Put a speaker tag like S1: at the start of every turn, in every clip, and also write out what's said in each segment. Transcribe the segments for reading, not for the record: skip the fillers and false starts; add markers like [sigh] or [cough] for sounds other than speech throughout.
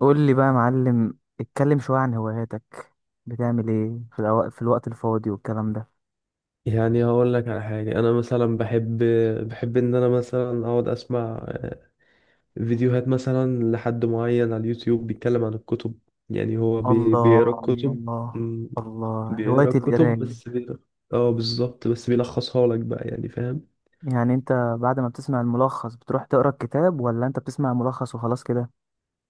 S1: قول لي بقى يا معلم، اتكلم شوية عن هواياتك. بتعمل ايه في في الوقت الفاضي والكلام ده؟
S2: يعني هقول لك على حاجة. أنا مثلا بحب إن أنا مثلا أقعد أسمع فيديوهات مثلا لحد معين على اليوتيوب بيتكلم عن الكتب. يعني هو
S1: الله،
S2: بيقرا الكتب.
S1: الله.
S2: أمم،
S1: الله، هواية
S2: بيقرا الكتب
S1: القراية.
S2: بس بيقرا. اه بالظبط، بس بيلخصها لك بقى، يعني فاهم.
S1: يعني انت بعد ما بتسمع الملخص بتروح تقرا الكتاب ولا انت بتسمع الملخص وخلاص كده؟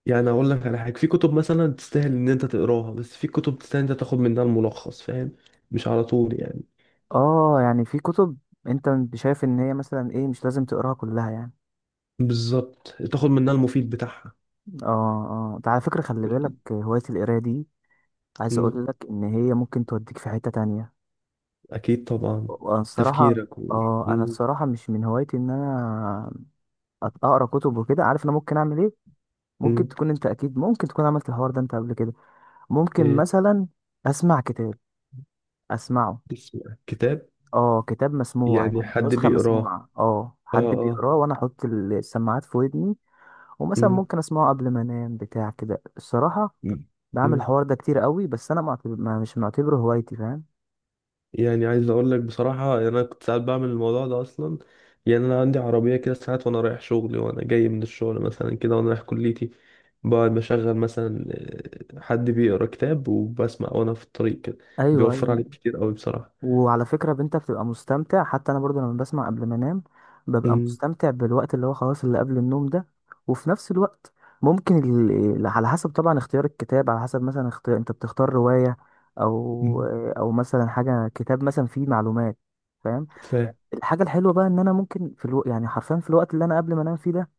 S2: يعني أقول لك على حاجة، في كتب مثلا تستاهل إن أنت تقراها، بس في كتب تستاهل إن أنت تاخد منها الملخص، فاهم. مش على طول يعني.
S1: اه، يعني في كتب، انت شايف ان هي مثلا ايه، مش لازم تقراها كلها يعني.
S2: بالظبط، تاخد منها المفيد بتاعها.
S1: اه، اه. ده على فكرة، خلي بالك هواية القراية دي، عايز
S2: أمم،
S1: اقول لك ان هي ممكن توديك في حتة تانية.
S2: أكيد طبعا.
S1: وانا الصراحة،
S2: تفكيرك و...
S1: اه انا الصراحة مش من هوايتي ان انا اقرا كتب وكده، عارف انا ممكن اعمل ايه؟ ممكن
S2: مم.
S1: تكون انت، اكيد ممكن تكون عملت الحوار ده انت قبل كده. ممكن
S2: إيه؟
S1: مثلا اسمع كتاب، اسمعه.
S2: اسم كتاب؟
S1: اه، كتاب مسموع
S2: يعني
S1: يعني
S2: حد
S1: نسخه
S2: بيقراه.
S1: مسموعه،
S2: اه
S1: حد
S2: اه.
S1: بيقراه وانا احط السماعات في ودني. ومثلا
S2: مم.
S1: ممكن اسمعه قبل ما انام بتاع كده. الصراحه
S2: مم.
S1: بعمل
S2: مم.
S1: الحوار ده كتير قوي، بس انا معتبر ما مش معتبره هوايتي، فاهم؟
S2: يعني عايز اقول لك بصراحة، يعني انا كنت ساعات بعمل الموضوع ده اصلا. يعني انا عندي عربية كده، ساعات وانا رايح شغلي وانا جاي من الشغل مثلا كده، وانا رايح كليتي، بقعد بشغل مثلا حد بيقرا كتاب وبسمع وانا في الطريق كده.
S1: ايوه.
S2: بيوفر عليك كتير قوي بصراحة.
S1: وعلى فكرة، انت بتبقى مستمتع، حتى انا برضو لما بسمع قبل ما انام ببقى
S2: مم.
S1: مستمتع بالوقت اللي هو خلاص اللي قبل النوم ده. وفي نفس الوقت ممكن على حسب طبعا اختيار الكتاب، على حسب مثلا اختيار، انت بتختار رواية، او
S2: مم.
S1: او مثلا حاجة، كتاب مثلا فيه معلومات، فاهم؟
S2: فاهم.
S1: الحاجة الحلوة بقى ان انا ممكن في يعني حرفيا في الوقت اللي انا قبل ما انام فيه ده،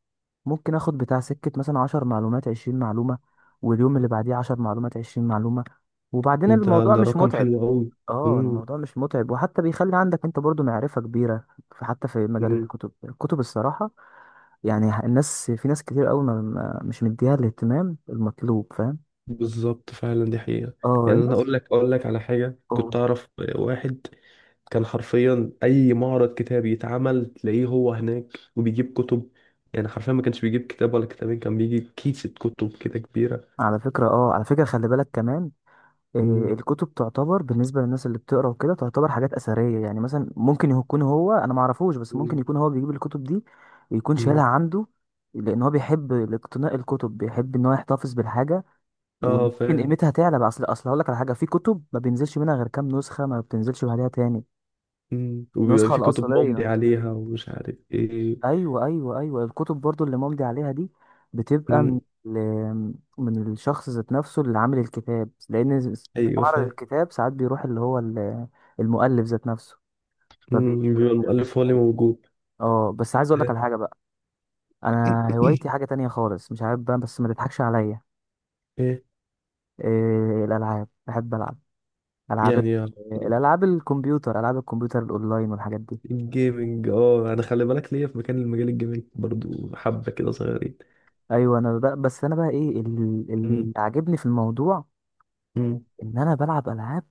S1: ممكن اخد بتاع سكة مثلا 10 معلومات، 20 معلومة، واليوم اللي بعديه 10 معلومات، عشرين معلومة، وبعدين
S2: ده
S1: الموضوع
S2: ده
S1: مش
S2: رقم
S1: متعب.
S2: حلو قوي.
S1: اه، الموضوع مش متعب، وحتى بيخلي عندك انت برضو معرفة كبيرة حتى في مجال الكتب. الصراحة، يعني الناس، في ناس كتير قوي مش مديها الاهتمام المطلوب، فاهم؟
S2: بالظبط، فعلا دي حقيقة.
S1: اه
S2: يعني انا
S1: الناس
S2: اقول لك على حاجة، كنت
S1: اه
S2: اعرف واحد كان حرفيا اي معرض كتاب يتعمل تلاقيه هو هناك، وبيجيب كتب. يعني حرفيا ما كانش بيجيب كتاب ولا كتابين، كان بيجيب كيسة كتب كده كبيرة.
S1: على فكرة، خلي بالك كمان، آه،
S2: مم.
S1: الكتب تعتبر بالنسبة للناس اللي بتقرا وكده تعتبر حاجات أثرية. يعني مثلا ممكن يكون هو، أنا معرفوش، بس ممكن
S2: مم.
S1: يكون هو بيجيب الكتب دي، يكون شايلها
S2: مم.
S1: عنده، لأن هو بيحب اقتناء الكتب، بيحب إن هو يحتفظ بالحاجة.
S2: اه
S1: وممكن
S2: فاهم.
S1: قيمتها تعلى بقى، أصل هقول لك على حاجة، في كتب ما بينزلش منها غير كام نسخة، ما بتنزلش بعدها تاني.
S2: وبيبقى
S1: النسخة
S2: في كتب ممضي
S1: الأصلية.
S2: عليها ومش عارف ايه.
S1: ايوه، ايوه، ايوه، الكتب برضو اللي ممضي عليها دي بتبقى من
S2: مم.
S1: من الشخص ذات نفسه اللي عامل الكتاب، لان في
S2: ايوه
S1: معرض
S2: فاهم.
S1: الكتاب ساعات بيروح اللي هو المؤلف ذات نفسه، فبيديك
S2: بيبقى المؤلف هو اللي
S1: [laughs]
S2: موجود.
S1: اه بس عايز اقول لك
S2: ايه؟
S1: على حاجه بقى. انا هوايتي
S2: [clears throat] [coughs]
S1: حاجه تانية خالص، مش عارف بقى، بس ما تضحكش عليا.
S2: إيه؟
S1: إيه؟ الالعاب، بحب العب. العاب ال-
S2: يعني يلا.
S1: الالعاب الكمبيوتر العاب الكمبيوتر الاونلاين والحاجات دي.
S2: الجيمنج، اه انا خلي بالك ليا في مكان، المجال الجيمنج برضو حبة كده صغيرين.
S1: ايوه، انا بقى، بس انا بقى ايه
S2: مم.
S1: اللي عاجبني في الموضوع
S2: مم.
S1: ان انا بلعب العاب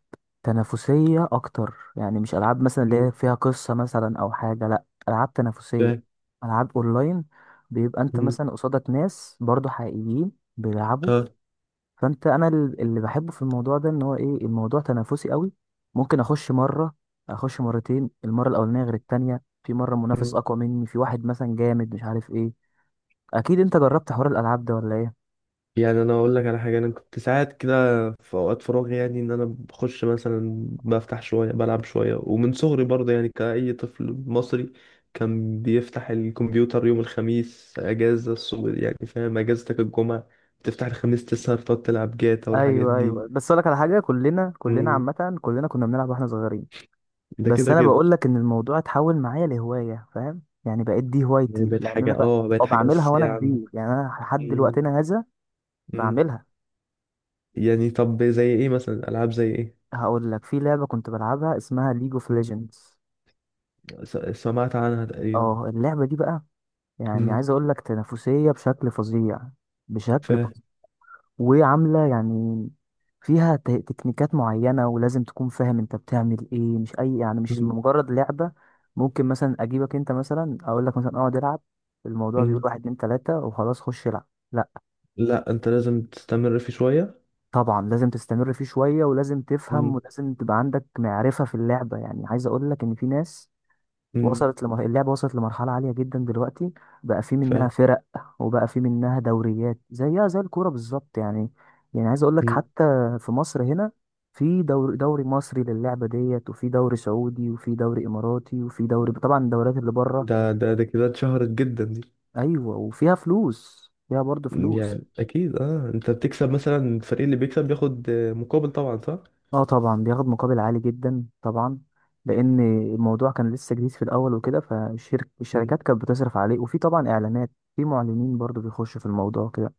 S1: تنافسيه اكتر، يعني مش العاب مثلا اللي
S2: مم.
S1: هي فيها قصه مثلا او حاجه، لا، العاب تنافسيه،
S2: فاهم.
S1: العاب اونلاين، بيبقى انت
S2: مم.
S1: مثلا قصادك ناس برضو حقيقيين بيلعبوا.
S2: اه.
S1: اللي بحبه في الموضوع ده ان هو ايه، الموضوع تنافسي قوي. ممكن اخش مره، اخش مرتين، المره الاولانيه غير التانية، في مره منافس
S2: مم.
S1: اقوى مني، في واحد مثلا جامد، مش عارف ايه. اكيد انت جربت حوار الالعاب ده ولا ايه؟
S2: يعني انا اقول لك على حاجة، انا كنت ساعات كده في اوقات فراغي، يعني ان انا بخش مثلا بفتح شوية بلعب شوية. ومن صغري برضه يعني، كأي طفل مصري كان بيفتح الكمبيوتر يوم الخميس، اجازة الصبح يعني فاهم، اجازتك الجمعة، تفتح الخميس، تسهر تقعد تلعب جاتا والحاجات
S1: ايوه،
S2: دي.
S1: ايوه، بس اقول لك على حاجه، كلنا
S2: مم.
S1: عامه، كلنا كنا بنلعب واحنا صغيرين.
S2: ده
S1: بس
S2: كده
S1: انا
S2: كده.
S1: بقول لك ان الموضوع اتحول معايا لهوايه، فاهم؟ يعني بقيت دي
S2: يعني
S1: هوايتي،
S2: بقت
S1: لان انا
S2: حاجة،
S1: بقى
S2: اه بقت حاجة
S1: بعملها
S2: أساسية
S1: وانا
S2: عندك.
S1: كبير، يعني انا لحد
S2: مم.
S1: دلوقتنا هذا
S2: مم.
S1: بعملها.
S2: يعني طب زي ايه مثلا؟ ألعاب زي ايه؟
S1: هقول لك، في لعبه كنت بلعبها اسمها ليج اوف
S2: مم.
S1: ليجندز.
S2: سمعت عنها تقريبا.
S1: اه، اللعبه دي بقى يعني
S2: مم.
S1: عايز اقول لك تنافسيه بشكل فظيع،
S2: ف
S1: بشكل فظيع، وعاملة يعني فيها تكنيكات معينة، ولازم تكون فاهم انت بتعمل ايه، مش اي، يعني مش
S2: مم.
S1: مجرد لعبة. ممكن مثلا اجيبك انت مثلا، اقول لك مثلا اقعد العب، الموضوع بيقول
S2: مم.
S1: واحد اتنين تلاتة وخلاص خش العب، لا.
S2: لا انت لازم تستمر فيه شوية.
S1: طبعا لازم تستمر فيه شوية، ولازم تفهم،
S2: مم.
S1: ولازم تبقى عندك معرفة في اللعبة، يعني عايز اقول لك ان في ناس
S2: مم.
S1: اللعبة وصلت لمرحلة عالية جدا دلوقتي. بقى في
S2: ف
S1: منها فرق، وبقى في منها دوريات زيها زي الكورة بالظبط يعني. يعني عايز اقول لك،
S2: مم.
S1: حتى في مصر هنا في دوري مصري للعبة ديت، وفي دوري سعودي، وفي دوري اماراتي، وفي دوري طبعا الدوريات اللي بره.
S2: ده كده اتشهرت جدا دي.
S1: ايوه، وفيها فلوس، فيها برضه فلوس.
S2: يعني اكيد، اه انت بتكسب، مثلا الفريق اللي بيكسب بياخد مقابل طبعا، صح.
S1: اه، طبعا بياخد مقابل عالي جدا طبعا، لان الموضوع كان لسه جديد في الاول وكده،
S2: مم.
S1: فالشركات كانت بتصرف عليه، وفي طبعا اعلانات، في معلنين برضه بيخشوا في الموضوع كده.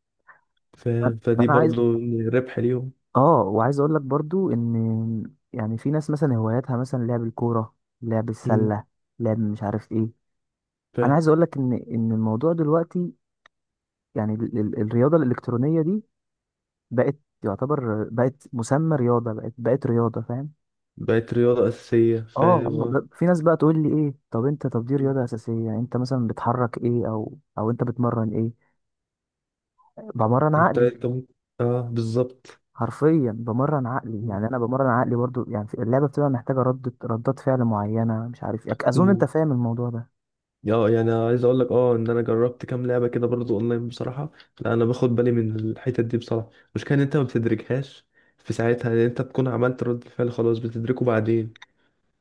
S2: ف... فدي
S1: انا عايز
S2: برضو ربح ليهم.
S1: اه وعايز اقول لك برضو ان، يعني في ناس مثلا هواياتها مثلا لعب الكوره، لعب
S2: مم.
S1: السله، لعب مش عارف ايه.
S2: ف
S1: انا عايز اقول لك ان الموضوع دلوقتي، يعني الرياضه الالكترونيه دي بقت، يعتبر بقت مسمى رياضه، بقت رياضه، فاهم.
S2: بقت رياضة أساسية
S1: اه،
S2: فاهم.
S1: في ناس بقى تقول لي ايه؟ طب انت، طب دي
S2: آه.
S1: رياضه اساسيه يعني، انت مثلا بتحرك ايه، او انت بتمرن ايه؟ بمرن
S2: انت
S1: عقلي،
S2: انت ممكن، اه بالظبط.
S1: حرفيا بمرن عقلي، يعني انا بمرن عقلي برضو، يعني اللعبه بتبقى محتاجه ردات فعل معينه، مش عارف إيه. اظن انت
S2: مم.
S1: فاهم الموضوع ده.
S2: اه يعني عايز اقول لك، اه ان انا جربت كام لعبه كده برضو اونلاين بصراحه. لا انا باخد بالي من الحتت دي بصراحه. المشكله ان انت ما بتدركهاش في ساعتها، يعني انت بتكون عملت رد الفعل خلاص، بتدركه بعدين.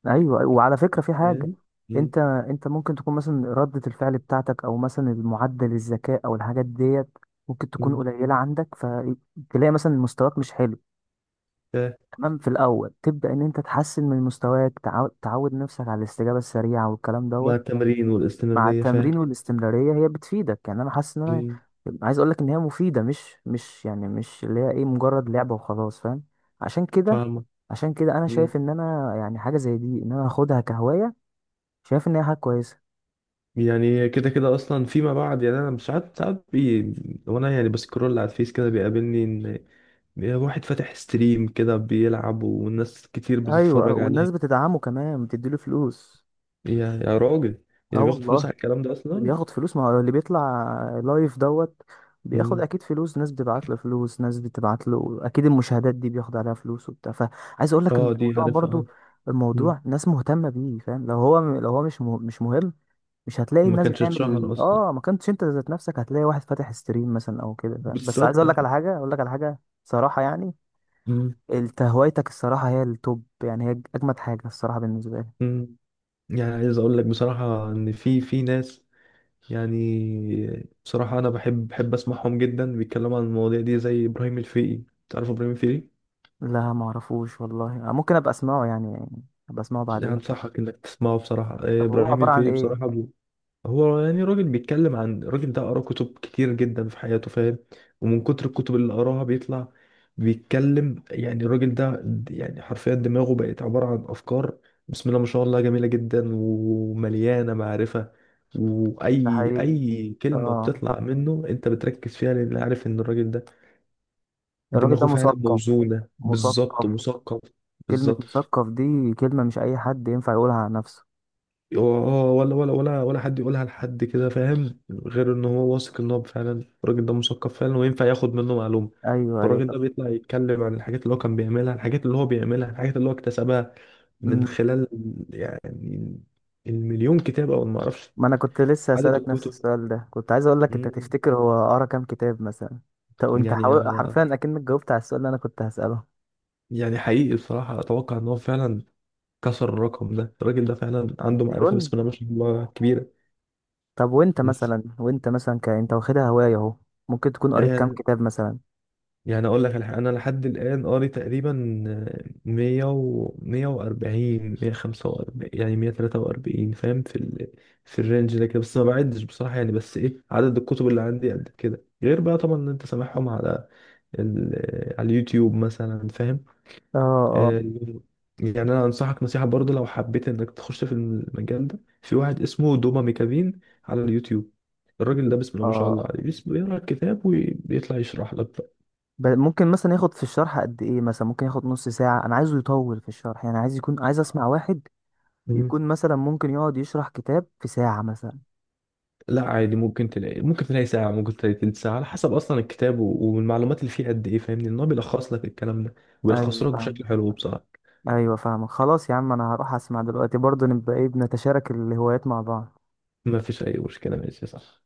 S1: ايوه، أيوة. وعلى فكره في حاجه،
S2: فاهم. مم.
S1: انت ممكن تكون مثلا ردة الفعل بتاعتك، او مثلا المعدل الذكاء او الحاجات ديت ممكن تكون
S2: مم.
S1: قليله عندك، فتلاقي مثلا مستواك مش حلو.
S2: فاهم.
S1: تمام، في الاول تبدا ان انت تحسن من مستواك، تعود نفسك على الاستجابه السريعه والكلام
S2: مع
S1: دوت.
S2: التمرين
S1: مع
S2: والاستمراريه، فاهم.
S1: التمرين والاستمرارية هي بتفيدك. يعني انا حاسس ان انا،
S2: مم.
S1: عايز اقول لك ان هي مفيدة، مش يعني مش اللي هي ايه مجرد لعبة وخلاص، فاهم؟ عشان كده،
S2: فاهمه.
S1: عشان كده، انا
S2: مم.
S1: شايف ان انا يعني حاجة زي دي ان انا اخدها كهواية، شايف ان هي حاجة كويسة.
S2: يعني كده كده اصلا فيما بعد، يعني انا مش ساعات، وانا يعني بسكرول على الفيس كده بيقابلني يا واحد فاتح ستريم كده بيلعب، والناس كتير
S1: ايوه،
S2: بتتفرج
S1: والناس
S2: عليه.
S1: بتدعمه كمان بتديله فلوس.
S2: يا راجل،
S1: اه
S2: يعني بياخد فلوس
S1: والله،
S2: على الكلام ده اصلا.
S1: بياخد فلوس، ما هو اللي بيطلع لايف دوت بياخد
S2: مم.
S1: اكيد فلوس. ناس بتبعت له فلوس، ناس بتبعت له، اكيد المشاهدات دي بياخد عليها فلوس وبتاع، فعايز اقول لك ان
S2: اه دي
S1: الموضوع
S2: عارفها،
S1: برضو،
S2: اه. مم.
S1: الموضوع ناس مهتمه بيه، فاهم؟ لو هو، مش مش مهم، مش هتلاقي
S2: ما
S1: الناس
S2: كانش اتشهر
S1: بتعمل
S2: اصلا.
S1: اه، ما كنتش انت ذات نفسك هتلاقي واحد فاتح ستريم مثلا او كده، فاهم. بس عايز
S2: بالظبط.
S1: اقول لك على حاجه، صراحه يعني،
S2: مم.
S1: انت هوايتك الصراحه هي التوب، يعني هي اجمد حاجه الصراحه بالنسبه لي.
S2: مم. يعني عايز اقول لك بصراحة، ان في ناس، يعني بصراحة انا بحب اسمعهم جدا بيتكلموا عن المواضيع دي، زي ابراهيم الفقي. تعرف ابراهيم الفقي؟
S1: لا، ما اعرفوش والله، ممكن ابقى اسمعه يعني ابقى اسمعه
S2: يعني
S1: بعدين.
S2: انصحك انك تسمعه بصراحة،
S1: طب هو
S2: ابراهيم
S1: عبارة عن
S2: الفقي
S1: إيه؟
S2: بصراحة. هو يعني راجل بيتكلم. عن الراجل ده؟ قرا كتب كتير جدا في حياته فاهم. ومن كتر الكتب اللي قراها بيطلع بيتكلم. يعني الراجل ده، يعني حرفيا دماغه بقت عبارة عن أفكار، بسم الله ما شاء الله، جميلة جدا ومليانة معرفة.
S1: ده
S2: وأي
S1: حقيقي.
S2: أي كلمة
S1: آه،
S2: بتطلع منه أنت بتركز فيها، لأن عارف إن الراجل ده
S1: الراجل ده
S2: دماغه فعلا
S1: مثقف،
S2: موزونة. بالظبط،
S1: مثقف.
S2: مثقف.
S1: كلمة
S2: بالظبط.
S1: مثقف دي كلمة مش أي حد ينفع يقولها عن نفسه.
S2: اه، ولا حد يقولها لحد كده فاهم، غير ان هو واثق ان هو فعلا الراجل ده مثقف فعلا، وينفع ياخد منه معلومه.
S1: أيوه، أيوه،
S2: فالراجل
S1: طب.
S2: ده بيطلع يتكلم عن الحاجات اللي هو كان بيعملها، الحاجات اللي هو بيعملها، الحاجات اللي هو اكتسبها من
S1: مم.
S2: خلال يعني المليون كتاب او ما اعرفش.
S1: ما أنا كنت لسه
S2: عدد
S1: هسألك نفس
S2: الكتب.
S1: السؤال ده، كنت عايز أقول لك أنت
S2: مم.
S1: تفتكر هو قرا كام كتاب مثلا. طب، وأنت
S2: يعني أنا
S1: حرفيا أكنك جاوبت على السؤال اللي أنا كنت هسأله.
S2: يعني حقيقي بصراحه، اتوقع ان هو فعلا كسر الرقم ده. الراجل ده فعلا عنده معرفه بسم
S1: مليون؟
S2: الله ما شاء الله كبيره.
S1: طب، وأنت
S2: بس
S1: مثلا، أنت واخدها هواية أهو، ممكن تكون قريت كام
S2: يعني،
S1: كتاب مثلا؟
S2: يعني اقول لك الحق، انا لحد الان قاري تقريبا، 100 و 140 145، يعني 143 فاهم، في الرينج ده كده بس، ما بعدش بصراحه. يعني بس ايه، عدد الكتب اللي عندي قد كده، غير بقى طبعا ان انت سامعهم على ال... على اليوتيوب مثلا، فاهم.
S1: آه، آه،
S2: آه، يعني انا انصحك نصيحه برضه، لو حبيت انك تخش في المجال ده، في واحد اسمه دوما ميكافين على اليوتيوب. الراجل ده بسم الله ما شاء الله
S1: آه.
S2: عليه، بيقرا الكتاب وبيطلع يشرح لك
S1: ممكن مثلا ياخد في الشرح قد ايه؟ مثلا ممكن ياخد نص ساعة؟ انا عايزه يطول في الشرح، يعني عايز يكون، عايز اسمع واحد
S2: بقى.
S1: يكون مثلا ممكن يقعد يشرح كتاب في ساعة مثلا.
S2: لا عادي، ممكن تلاقي، ممكن تلاقي ساعة، ممكن تلاقي تلت ساعة، على حسب أصلا الكتاب والمعلومات اللي فيه قد إيه. فاهمني، إن هو بيلخص لك الكلام ده
S1: ايوه،
S2: ويلخصه لك
S1: فاهم.
S2: بشكل حلو بصراحة.
S1: ايوه، فاهم، خلاص يا عم، انا هروح اسمع دلوقتي برضه، نبقى ايه، بنتشارك الهوايات مع بعض.
S2: ما فيش أي مشكلة، ماشي، صح.